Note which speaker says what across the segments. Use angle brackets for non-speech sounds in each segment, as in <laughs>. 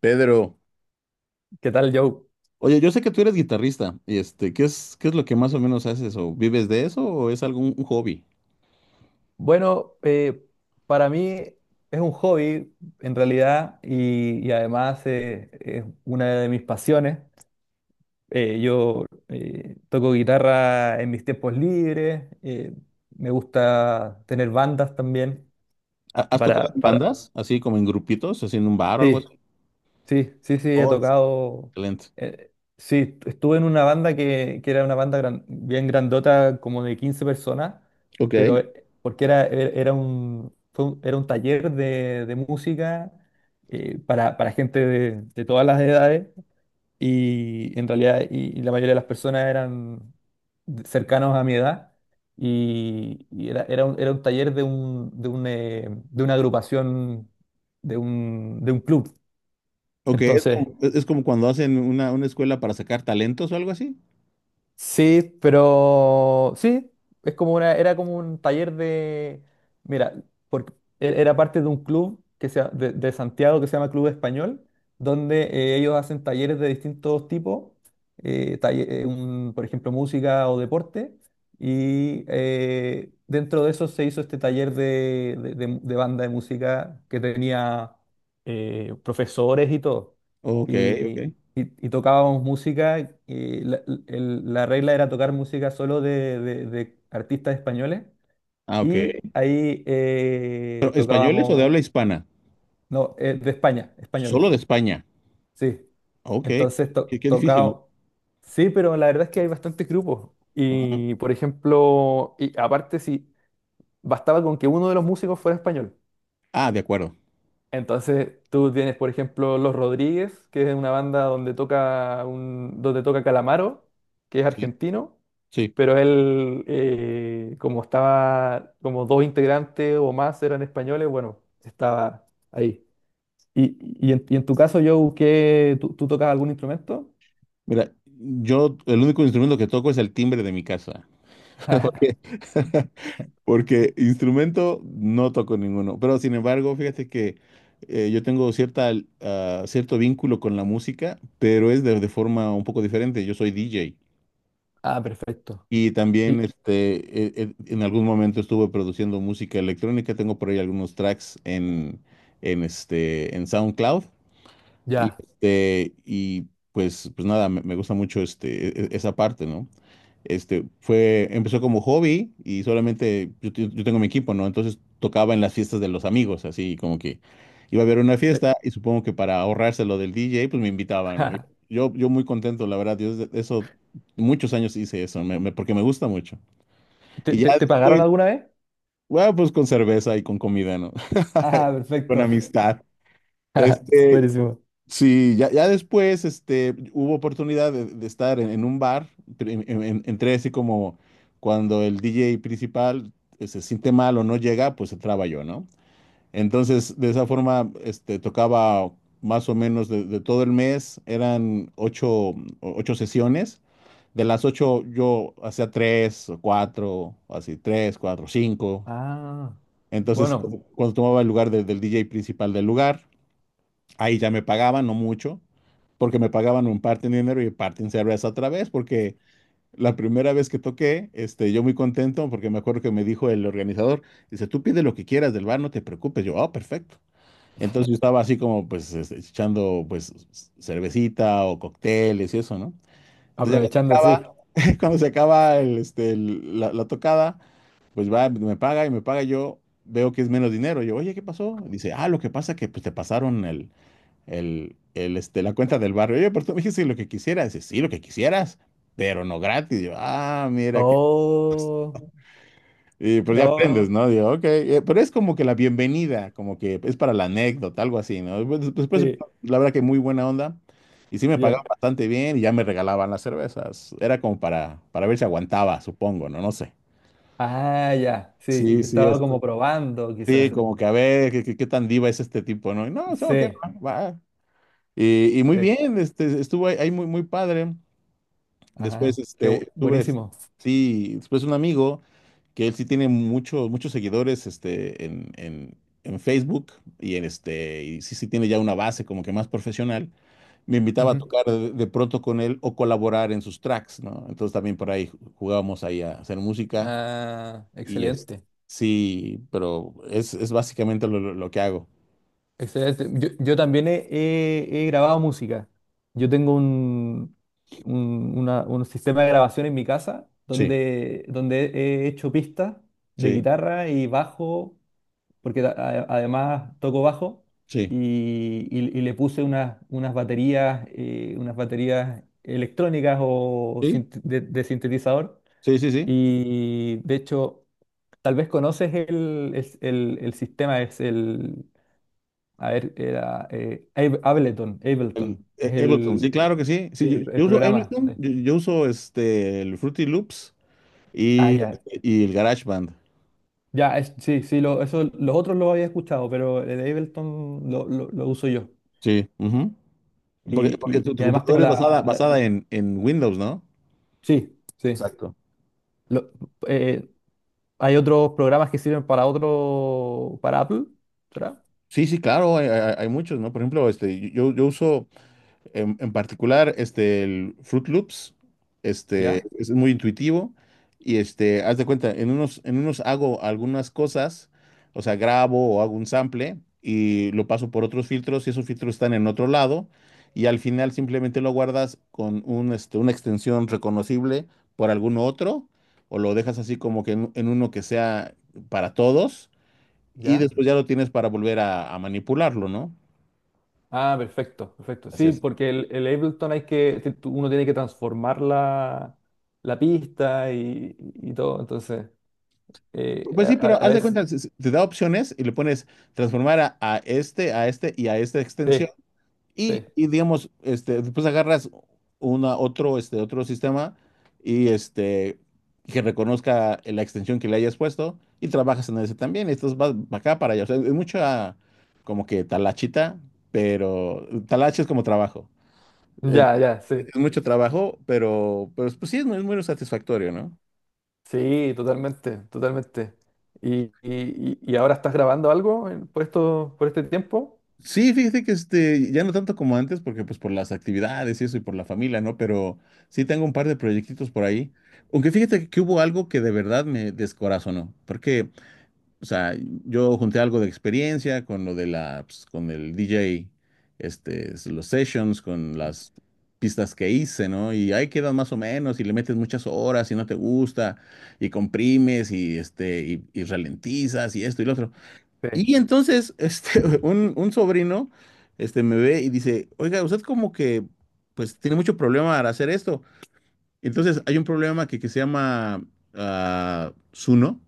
Speaker 1: Pedro,
Speaker 2: ¿Qué tal, Joe?
Speaker 1: oye, yo sé que tú eres guitarrista, y este, ¿qué es lo que más o menos haces? ¿O vives de eso o es algún un hobby?
Speaker 2: Bueno, para mí es un hobby en realidad y además es una de mis pasiones. Yo toco guitarra en mis tiempos libres, me gusta tener bandas también
Speaker 1: ¿Has tocado
Speaker 2: para,
Speaker 1: en
Speaker 2: para...
Speaker 1: bandas, así como en grupitos, así en un bar o algo así?
Speaker 2: Sí, sí, sí, sí, he
Speaker 1: Oh,
Speaker 2: tocado.
Speaker 1: excelente.
Speaker 2: Sí, estuve en una banda que era una banda bien grandota, como de 15 personas,
Speaker 1: Ok.
Speaker 2: pero porque era, era un, fue era un taller de música para gente de todas las edades y en realidad y la mayoría de las personas eran cercanos a mi edad y era, era un taller de, un, de, un, de una agrupación, de un club.
Speaker 1: Ok, es
Speaker 2: Entonces...
Speaker 1: como, es como cuando hacen una escuela para sacar talentos o algo así.
Speaker 2: Sí, pero sí, es como una, era como un taller de, mira, porque era parte de un club que se, de Santiago que se llama Club Español, donde ellos hacen talleres de distintos tipos, por ejemplo, música o deporte, y dentro de eso se hizo este taller de, de banda de música que tenía profesores y todo
Speaker 1: Ok, ok.
Speaker 2: y, y tocábamos música. Y la, la regla era tocar música solo de, de artistas españoles.
Speaker 1: Ah,
Speaker 2: Y
Speaker 1: ok.
Speaker 2: ahí
Speaker 1: ¿Españoles o de
Speaker 2: tocábamos,
Speaker 1: habla hispana?
Speaker 2: no, de España,
Speaker 1: Solo
Speaker 2: españoles,
Speaker 1: de España.
Speaker 2: sí.
Speaker 1: Ok,
Speaker 2: Entonces
Speaker 1: qué difícil.
Speaker 2: tocaba, sí, pero la verdad es que hay bastantes grupos.
Speaker 1: ¿No? Ajá.
Speaker 2: Y por ejemplo, y aparte si bastaba con que uno de los músicos fuera español.
Speaker 1: Ah, de acuerdo.
Speaker 2: Entonces tú tienes, por ejemplo, Los Rodríguez, que es una banda donde toca un, donde toca Calamaro, que es
Speaker 1: Sí,
Speaker 2: argentino,
Speaker 1: sí.
Speaker 2: pero él, como estaba, como dos integrantes o más eran españoles, bueno, estaba ahí. Y en tu caso, Joe, ¿qué, tú tocas algún instrumento?
Speaker 1: Mira, yo el único instrumento que toco es el timbre de mi casa. <laughs> Porque,
Speaker 2: <laughs>
Speaker 1: <laughs> porque instrumento no toco ninguno. Pero sin embargo, fíjate que yo tengo cierto vínculo con la música, pero es de forma un poco diferente. Yo soy DJ.
Speaker 2: Ah, perfecto.
Speaker 1: Y también
Speaker 2: Y
Speaker 1: este, en algún momento estuve produciendo música electrónica. Tengo por ahí algunos tracks en SoundCloud. Y,
Speaker 2: ya.
Speaker 1: este, y pues nada, me gusta mucho este, esa parte, ¿no? Este, empezó como hobby, y solamente yo tengo mi equipo, ¿no? Entonces tocaba en las fiestas de los amigos, así como que iba a haber una
Speaker 2: Eh,
Speaker 1: fiesta y supongo que para ahorrarse lo del DJ, pues me invitaban, ¿no?
Speaker 2: <laughs>
Speaker 1: Yo muy contento, la verdad, eso, muchos años hice eso, porque me gusta mucho.
Speaker 2: ¿Te,
Speaker 1: Y ya
Speaker 2: te pagaron
Speaker 1: después,
Speaker 2: alguna vez?
Speaker 1: bueno, pues con cerveza y con comida, ¿no?
Speaker 2: Ah,
Speaker 1: <laughs> Con
Speaker 2: perfecto.
Speaker 1: amistad.
Speaker 2: <laughs>
Speaker 1: Este,
Speaker 2: Buenísimo.
Speaker 1: sí, ya después este, hubo oportunidad de estar en un bar. Entré así como cuando el DJ principal se siente mal o no llega, pues entraba yo, ¿no? Entonces, de esa forma, este, tocaba más o menos de todo el mes. Eran ocho sesiones. De las ocho, yo hacía tres o cuatro, o así, tres, cuatro, cinco.
Speaker 2: Ah,
Speaker 1: Entonces,
Speaker 2: bueno,
Speaker 1: cuando tomaba el lugar del DJ principal del lugar. Ahí ya me pagaban, no mucho, porque me pagaban un parte en dinero y parte en cerveza otra vez, porque la primera vez que toqué, este, yo muy contento, porque me acuerdo que me dijo el organizador. Dice, tú pide lo que quieras del bar, no te preocupes. Yo, ah, perfecto. Entonces yo estaba así como, pues, este, echando, pues, cervecita o cócteles y eso, ¿no? Entonces ya cuando se
Speaker 2: aprovechando, sí.
Speaker 1: acaba, <laughs> cuando se acaba el, este, la tocada, pues va, me paga y me paga. Yo veo que es menos dinero. Yo, oye, ¿qué pasó? Dice, ah, lo que pasa que, pues, te pasaron la cuenta del barrio. Oye, pero tú me dijiste lo que quisieras. Dice, sí, lo que quisieras, pero no gratis. Y yo, ah, mira, que...
Speaker 2: Oh,
Speaker 1: Y pues ya
Speaker 2: no,
Speaker 1: aprendes. No. ¿No? Digo, ok. Pero es como que la bienvenida, como que es para la anécdota, algo así, ¿no? Pues,
Speaker 2: sí,
Speaker 1: la verdad que muy buena onda. Y sí me pagaban
Speaker 2: ya.
Speaker 1: bastante bien y ya me regalaban las cervezas. Era como para ver si aguantaba, supongo, ¿no? No sé.
Speaker 2: Ah, ya, sí,
Speaker 1: Sí,
Speaker 2: te
Speaker 1: sí,
Speaker 2: estaba como
Speaker 1: esto.
Speaker 2: probando,
Speaker 1: Sí,
Speaker 2: quizás.
Speaker 1: como que a ver, ¿Qué tan diva es este tipo, ¿no? Y no, o sea, ok,
Speaker 2: Sí,
Speaker 1: va. Va. Y muy
Speaker 2: sí,
Speaker 1: bien, este, estuvo ahí muy, muy padre. Después,
Speaker 2: ajá, qué
Speaker 1: este,
Speaker 2: buenísimo.
Speaker 1: después un amigo, que él sí tiene muchos, muchos seguidores, este, en Facebook, y en este, y sí, sí tiene ya una base como que más profesional. Me invitaba a
Speaker 2: Ujú.
Speaker 1: tocar de pronto con él o colaborar en sus tracks, ¿no? Entonces también por ahí jugábamos ahí a hacer música,
Speaker 2: Ah,
Speaker 1: y
Speaker 2: excelente,
Speaker 1: sí, pero es básicamente lo que hago.
Speaker 2: excelente. Yo también he, he grabado música. Yo tengo un, un sistema de grabación en mi casa
Speaker 1: Sí,
Speaker 2: donde, donde he hecho pistas de
Speaker 1: sí,
Speaker 2: guitarra y bajo porque además toco bajo
Speaker 1: sí,
Speaker 2: y, y le puse unas, unas baterías electrónicas o
Speaker 1: sí,
Speaker 2: de sintetizador.
Speaker 1: sí, sí, sí.
Speaker 2: Y de hecho, tal vez conoces el, es el sistema, es el, a ver, era Ableton, Ableton, es
Speaker 1: Ableton, sí, claro que sí. Sí, yo,
Speaker 2: el
Speaker 1: yo uso
Speaker 2: programa.
Speaker 1: Ableton,
Speaker 2: Sí.
Speaker 1: yo uso este el Fruity Loops
Speaker 2: Ah,
Speaker 1: y,
Speaker 2: ya.
Speaker 1: y el GarageBand.
Speaker 2: Ya, sí, sí, lo, eso, los otros los había escuchado, pero el Ableton lo uso yo.
Speaker 1: Sí, ujú. Porque,
Speaker 2: Y,
Speaker 1: porque tu,
Speaker 2: y
Speaker 1: tu
Speaker 2: además tengo
Speaker 1: computadora es basada,
Speaker 2: la,
Speaker 1: basada en Windows, ¿no?
Speaker 2: sí, sí.
Speaker 1: Exacto.
Speaker 2: Lo- eh, hay otros programas que sirven para otro, para Apple, ¿será?
Speaker 1: Sí, sí, claro, hay muchos, ¿no? Por ejemplo, este, yo uso. En particular, este, el Fruit Loops, este,
Speaker 2: ¿Ya?
Speaker 1: es muy intuitivo, y este, haz de cuenta, en unos hago algunas cosas, o sea, grabo o hago un sample y lo paso por otros filtros, y esos filtros están en otro lado, y al final simplemente lo guardas con un, este, una extensión reconocible por algún otro, o lo dejas así como que en uno que sea para todos, y
Speaker 2: ¿Ya?
Speaker 1: después ya lo tienes para volver a manipularlo, ¿no?
Speaker 2: Ah, perfecto, perfecto.
Speaker 1: Así
Speaker 2: Sí,
Speaker 1: es.
Speaker 2: porque el Ableton hay que, te- uno tiene que transformar la, la pista y todo, entonces,
Speaker 1: Pues
Speaker 2: a,
Speaker 1: sí, pero
Speaker 2: a
Speaker 1: haz de
Speaker 2: veces,
Speaker 1: cuenta, te da opciones y le pones transformar a este, a este y a esta extensión.
Speaker 2: sí,
Speaker 1: Y,
Speaker 2: sí.
Speaker 1: y digamos, este, después agarras una, otro, este, otro sistema y este, que reconozca la extensión que le hayas puesto y trabajas en ese también. Esto vas para acá, para allá. O sea, es mucha como que talachita, pero talache es como trabajo. Es,
Speaker 2: Ya, ya, sí.
Speaker 1: es mucho trabajo, pero pues sí, es muy, satisfactorio, ¿no?
Speaker 2: Sí, totalmente, totalmente. ¿Y, y ahora estás grabando algo por esto, por este tiempo?
Speaker 1: Sí, fíjate que este, ya no tanto como antes, porque pues por las actividades y eso, y por la familia, ¿no? Pero sí tengo un par de proyectitos por ahí. Aunque fíjate que hubo algo que de verdad me descorazonó, porque, o sea, yo junté algo de experiencia con lo de la, pues, con el DJ, este, los sessions, con las pistas que hice, ¿no? Y ahí quedan más o menos, y le metes muchas horas y no te gusta, y comprimes, y este, y ralentizas, y esto y lo otro.
Speaker 2: Sí.
Speaker 1: Y entonces, este, <laughs> un sobrino, este, me ve y dice, oiga, usted como que, pues, tiene mucho problema al hacer esto. Entonces, hay un problema que se llama Suno,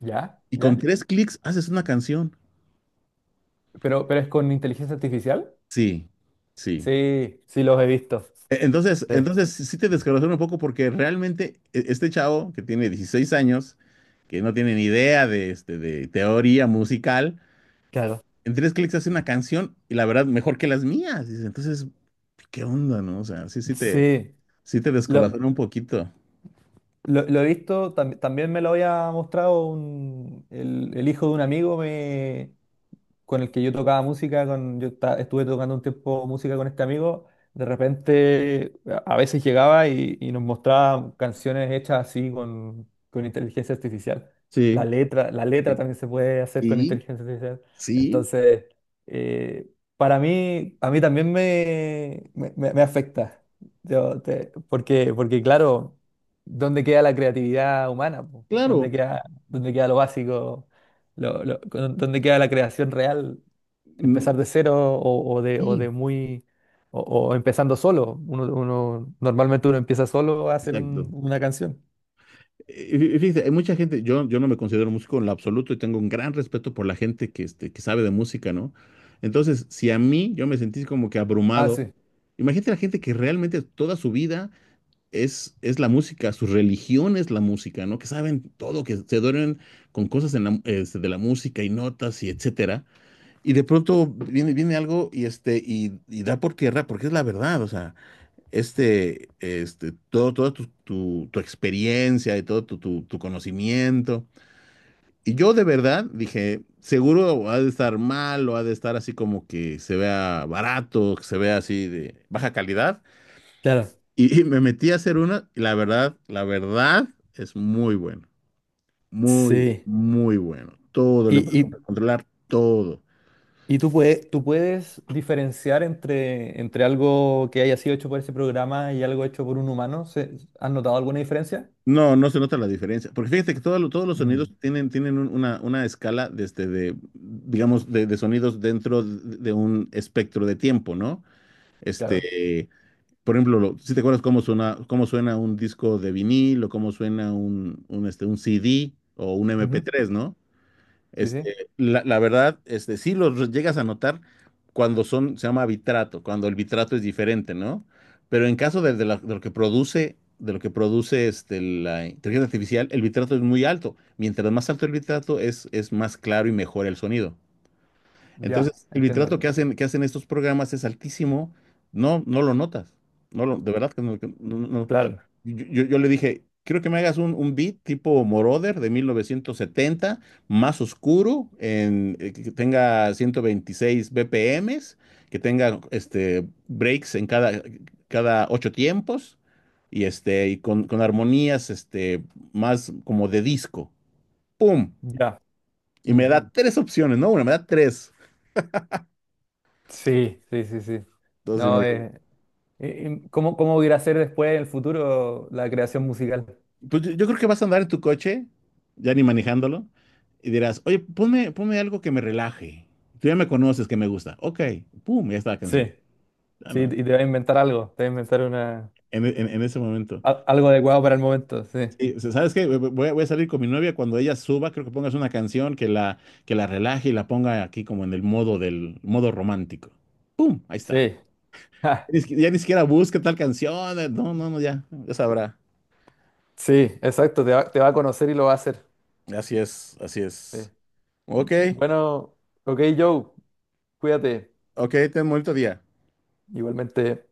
Speaker 2: ¿Ya?
Speaker 1: y con
Speaker 2: ¿Ya?
Speaker 1: tres clics haces una canción.
Speaker 2: Pero, ¿pero es con inteligencia artificial?
Speaker 1: Sí, sí.
Speaker 2: Sí, sí, los he visto.
Speaker 1: E- Entonces,
Speaker 2: Sí,
Speaker 1: entonces sí te descorazona un poco, porque realmente este chavo, que tiene 16 años, que no tiene ni idea de, este, de teoría musical,
Speaker 2: claro,
Speaker 1: en tres clics hace una canción, y la verdad, mejor que las mías. Dice. Entonces, ¿qué onda, no? O sea, sí,
Speaker 2: sí.
Speaker 1: sí te
Speaker 2: Lo,
Speaker 1: descorazona un poquito.
Speaker 2: lo he visto, tam- también me lo había mostrado el hijo de un amigo, me con el que yo tocaba música, con, yo estuve tocando un tiempo música con este amigo, de repente a veces llegaba y nos mostraba canciones hechas así con inteligencia artificial.
Speaker 1: Sí,
Speaker 2: La letra también se puede hacer con
Speaker 1: y
Speaker 2: inteligencia artificial.
Speaker 1: sí,
Speaker 2: Entonces, eh, para mí, a mí también me, me afecta. Porque, porque claro, ¿dónde queda la creatividad humana? ¿Po?
Speaker 1: claro.
Speaker 2: Dónde queda lo básico? Donde queda la creación real, empezar
Speaker 1: mm,
Speaker 2: de cero o
Speaker 1: Y
Speaker 2: de muy, o empezando solo? Uno, normalmente uno empieza solo a hacer
Speaker 1: exacto.
Speaker 2: una canción.
Speaker 1: Y fíjate, hay mucha gente. Yo no me considero músico en lo absoluto, y tengo un gran respeto por la gente que, este, que sabe de música, ¿no? Entonces, si a mí yo me sentí como que
Speaker 2: Ah,
Speaker 1: abrumado,
Speaker 2: sí.
Speaker 1: imagínate la gente que realmente toda su vida es la música, su religión es la música, ¿no? Que saben todo, que se duermen con cosas en la este, de la música y notas y etcétera. Y de pronto viene algo, y, este, y da por tierra, porque es la verdad, o sea, este, todo, toda tu experiencia y todo tu conocimiento. Y yo de verdad dije, seguro ha de estar mal, o ha de estar así como que se vea barato, que se vea así de baja calidad.
Speaker 2: Claro,
Speaker 1: Y me metí a hacer una, y la verdad es muy bueno, muy,
Speaker 2: sí.
Speaker 1: muy bueno. Todo,
Speaker 2: Y,
Speaker 1: le
Speaker 2: y,
Speaker 1: puedes controlar todo.
Speaker 2: y tú puedes diferenciar entre, entre algo que haya sido hecho por ese programa y algo hecho por un humano. ¿Se- ¿Has notado alguna diferencia?
Speaker 1: No, no se nota la diferencia. Porque fíjate que todo todos los sonidos
Speaker 2: Mm,
Speaker 1: tienen una escala desde digamos, de sonidos dentro de un espectro de tiempo, ¿no?
Speaker 2: claro.
Speaker 1: Este, por ejemplo, si te acuerdas cómo suena un disco de vinil, o cómo suena un CD o un mp
Speaker 2: Ujú.
Speaker 1: tres, ¿no?
Speaker 2: Sí,
Speaker 1: Este,
Speaker 2: sí.
Speaker 1: la verdad, este, sí los llegas a notar cuando son, se llama vitrato, cuando el vitrato es diferente, ¿no? Pero en caso de lo que produce, este, la inteligencia artificial, el vitrato es muy alto. Mientras más alto el vitrato, es más claro y mejor el sonido.
Speaker 2: Ya,
Speaker 1: Entonces, el vitrato
Speaker 2: entiendo.
Speaker 1: que hacen estos programas es altísimo. No, no lo notas. No lo, de verdad que no,
Speaker 2: Claro.
Speaker 1: yo le dije, quiero que me hagas un beat tipo Moroder de 1970, más oscuro, que tenga 126 BPMs, que tenga este, breaks en cada ocho tiempos, y, este, y con armonías este, más como de disco. ¡Pum!
Speaker 2: Ya.
Speaker 1: Y me
Speaker 2: Mm,
Speaker 1: da tres opciones, no una, me da tres.
Speaker 2: sí, sí, sí, sí.
Speaker 1: Entonces.
Speaker 2: No, es ¿cómo, cómo irá a ser después en el futuro la creación musical?
Speaker 1: Pues yo creo que vas a andar en tu coche, ya ni manejándolo, y dirás, oye, ponme algo que me relaje. Tú ya me conoces, que me gusta. Ok, pum, ya está la canción.
Speaker 2: Sí,
Speaker 1: Ah,
Speaker 2: sí, y
Speaker 1: ¿no?
Speaker 2: te va a inventar algo, te va a inventar una,
Speaker 1: En ese momento.
Speaker 2: algo adecuado para el momento, sí.
Speaker 1: Sí, o sea, ¿sabes qué? Voy a salir con mi novia, cuando ella suba, creo que pongas una canción que la relaje y la ponga aquí como en el modo del modo romántico. ¡Pum! Ahí está.
Speaker 2: Sí, <laughs> ja,
Speaker 1: Ni siqui- Ya ni siquiera busca tal canción. No, no, no, ya, ya sabrá.
Speaker 2: sí, exacto, te va a conocer y lo va a hacer.
Speaker 1: Así es, así
Speaker 2: Sí.
Speaker 1: es. Ok,
Speaker 2: Bueno, ok, Joe, cuídate,
Speaker 1: ok, ten un bonito día.
Speaker 2: igualmente.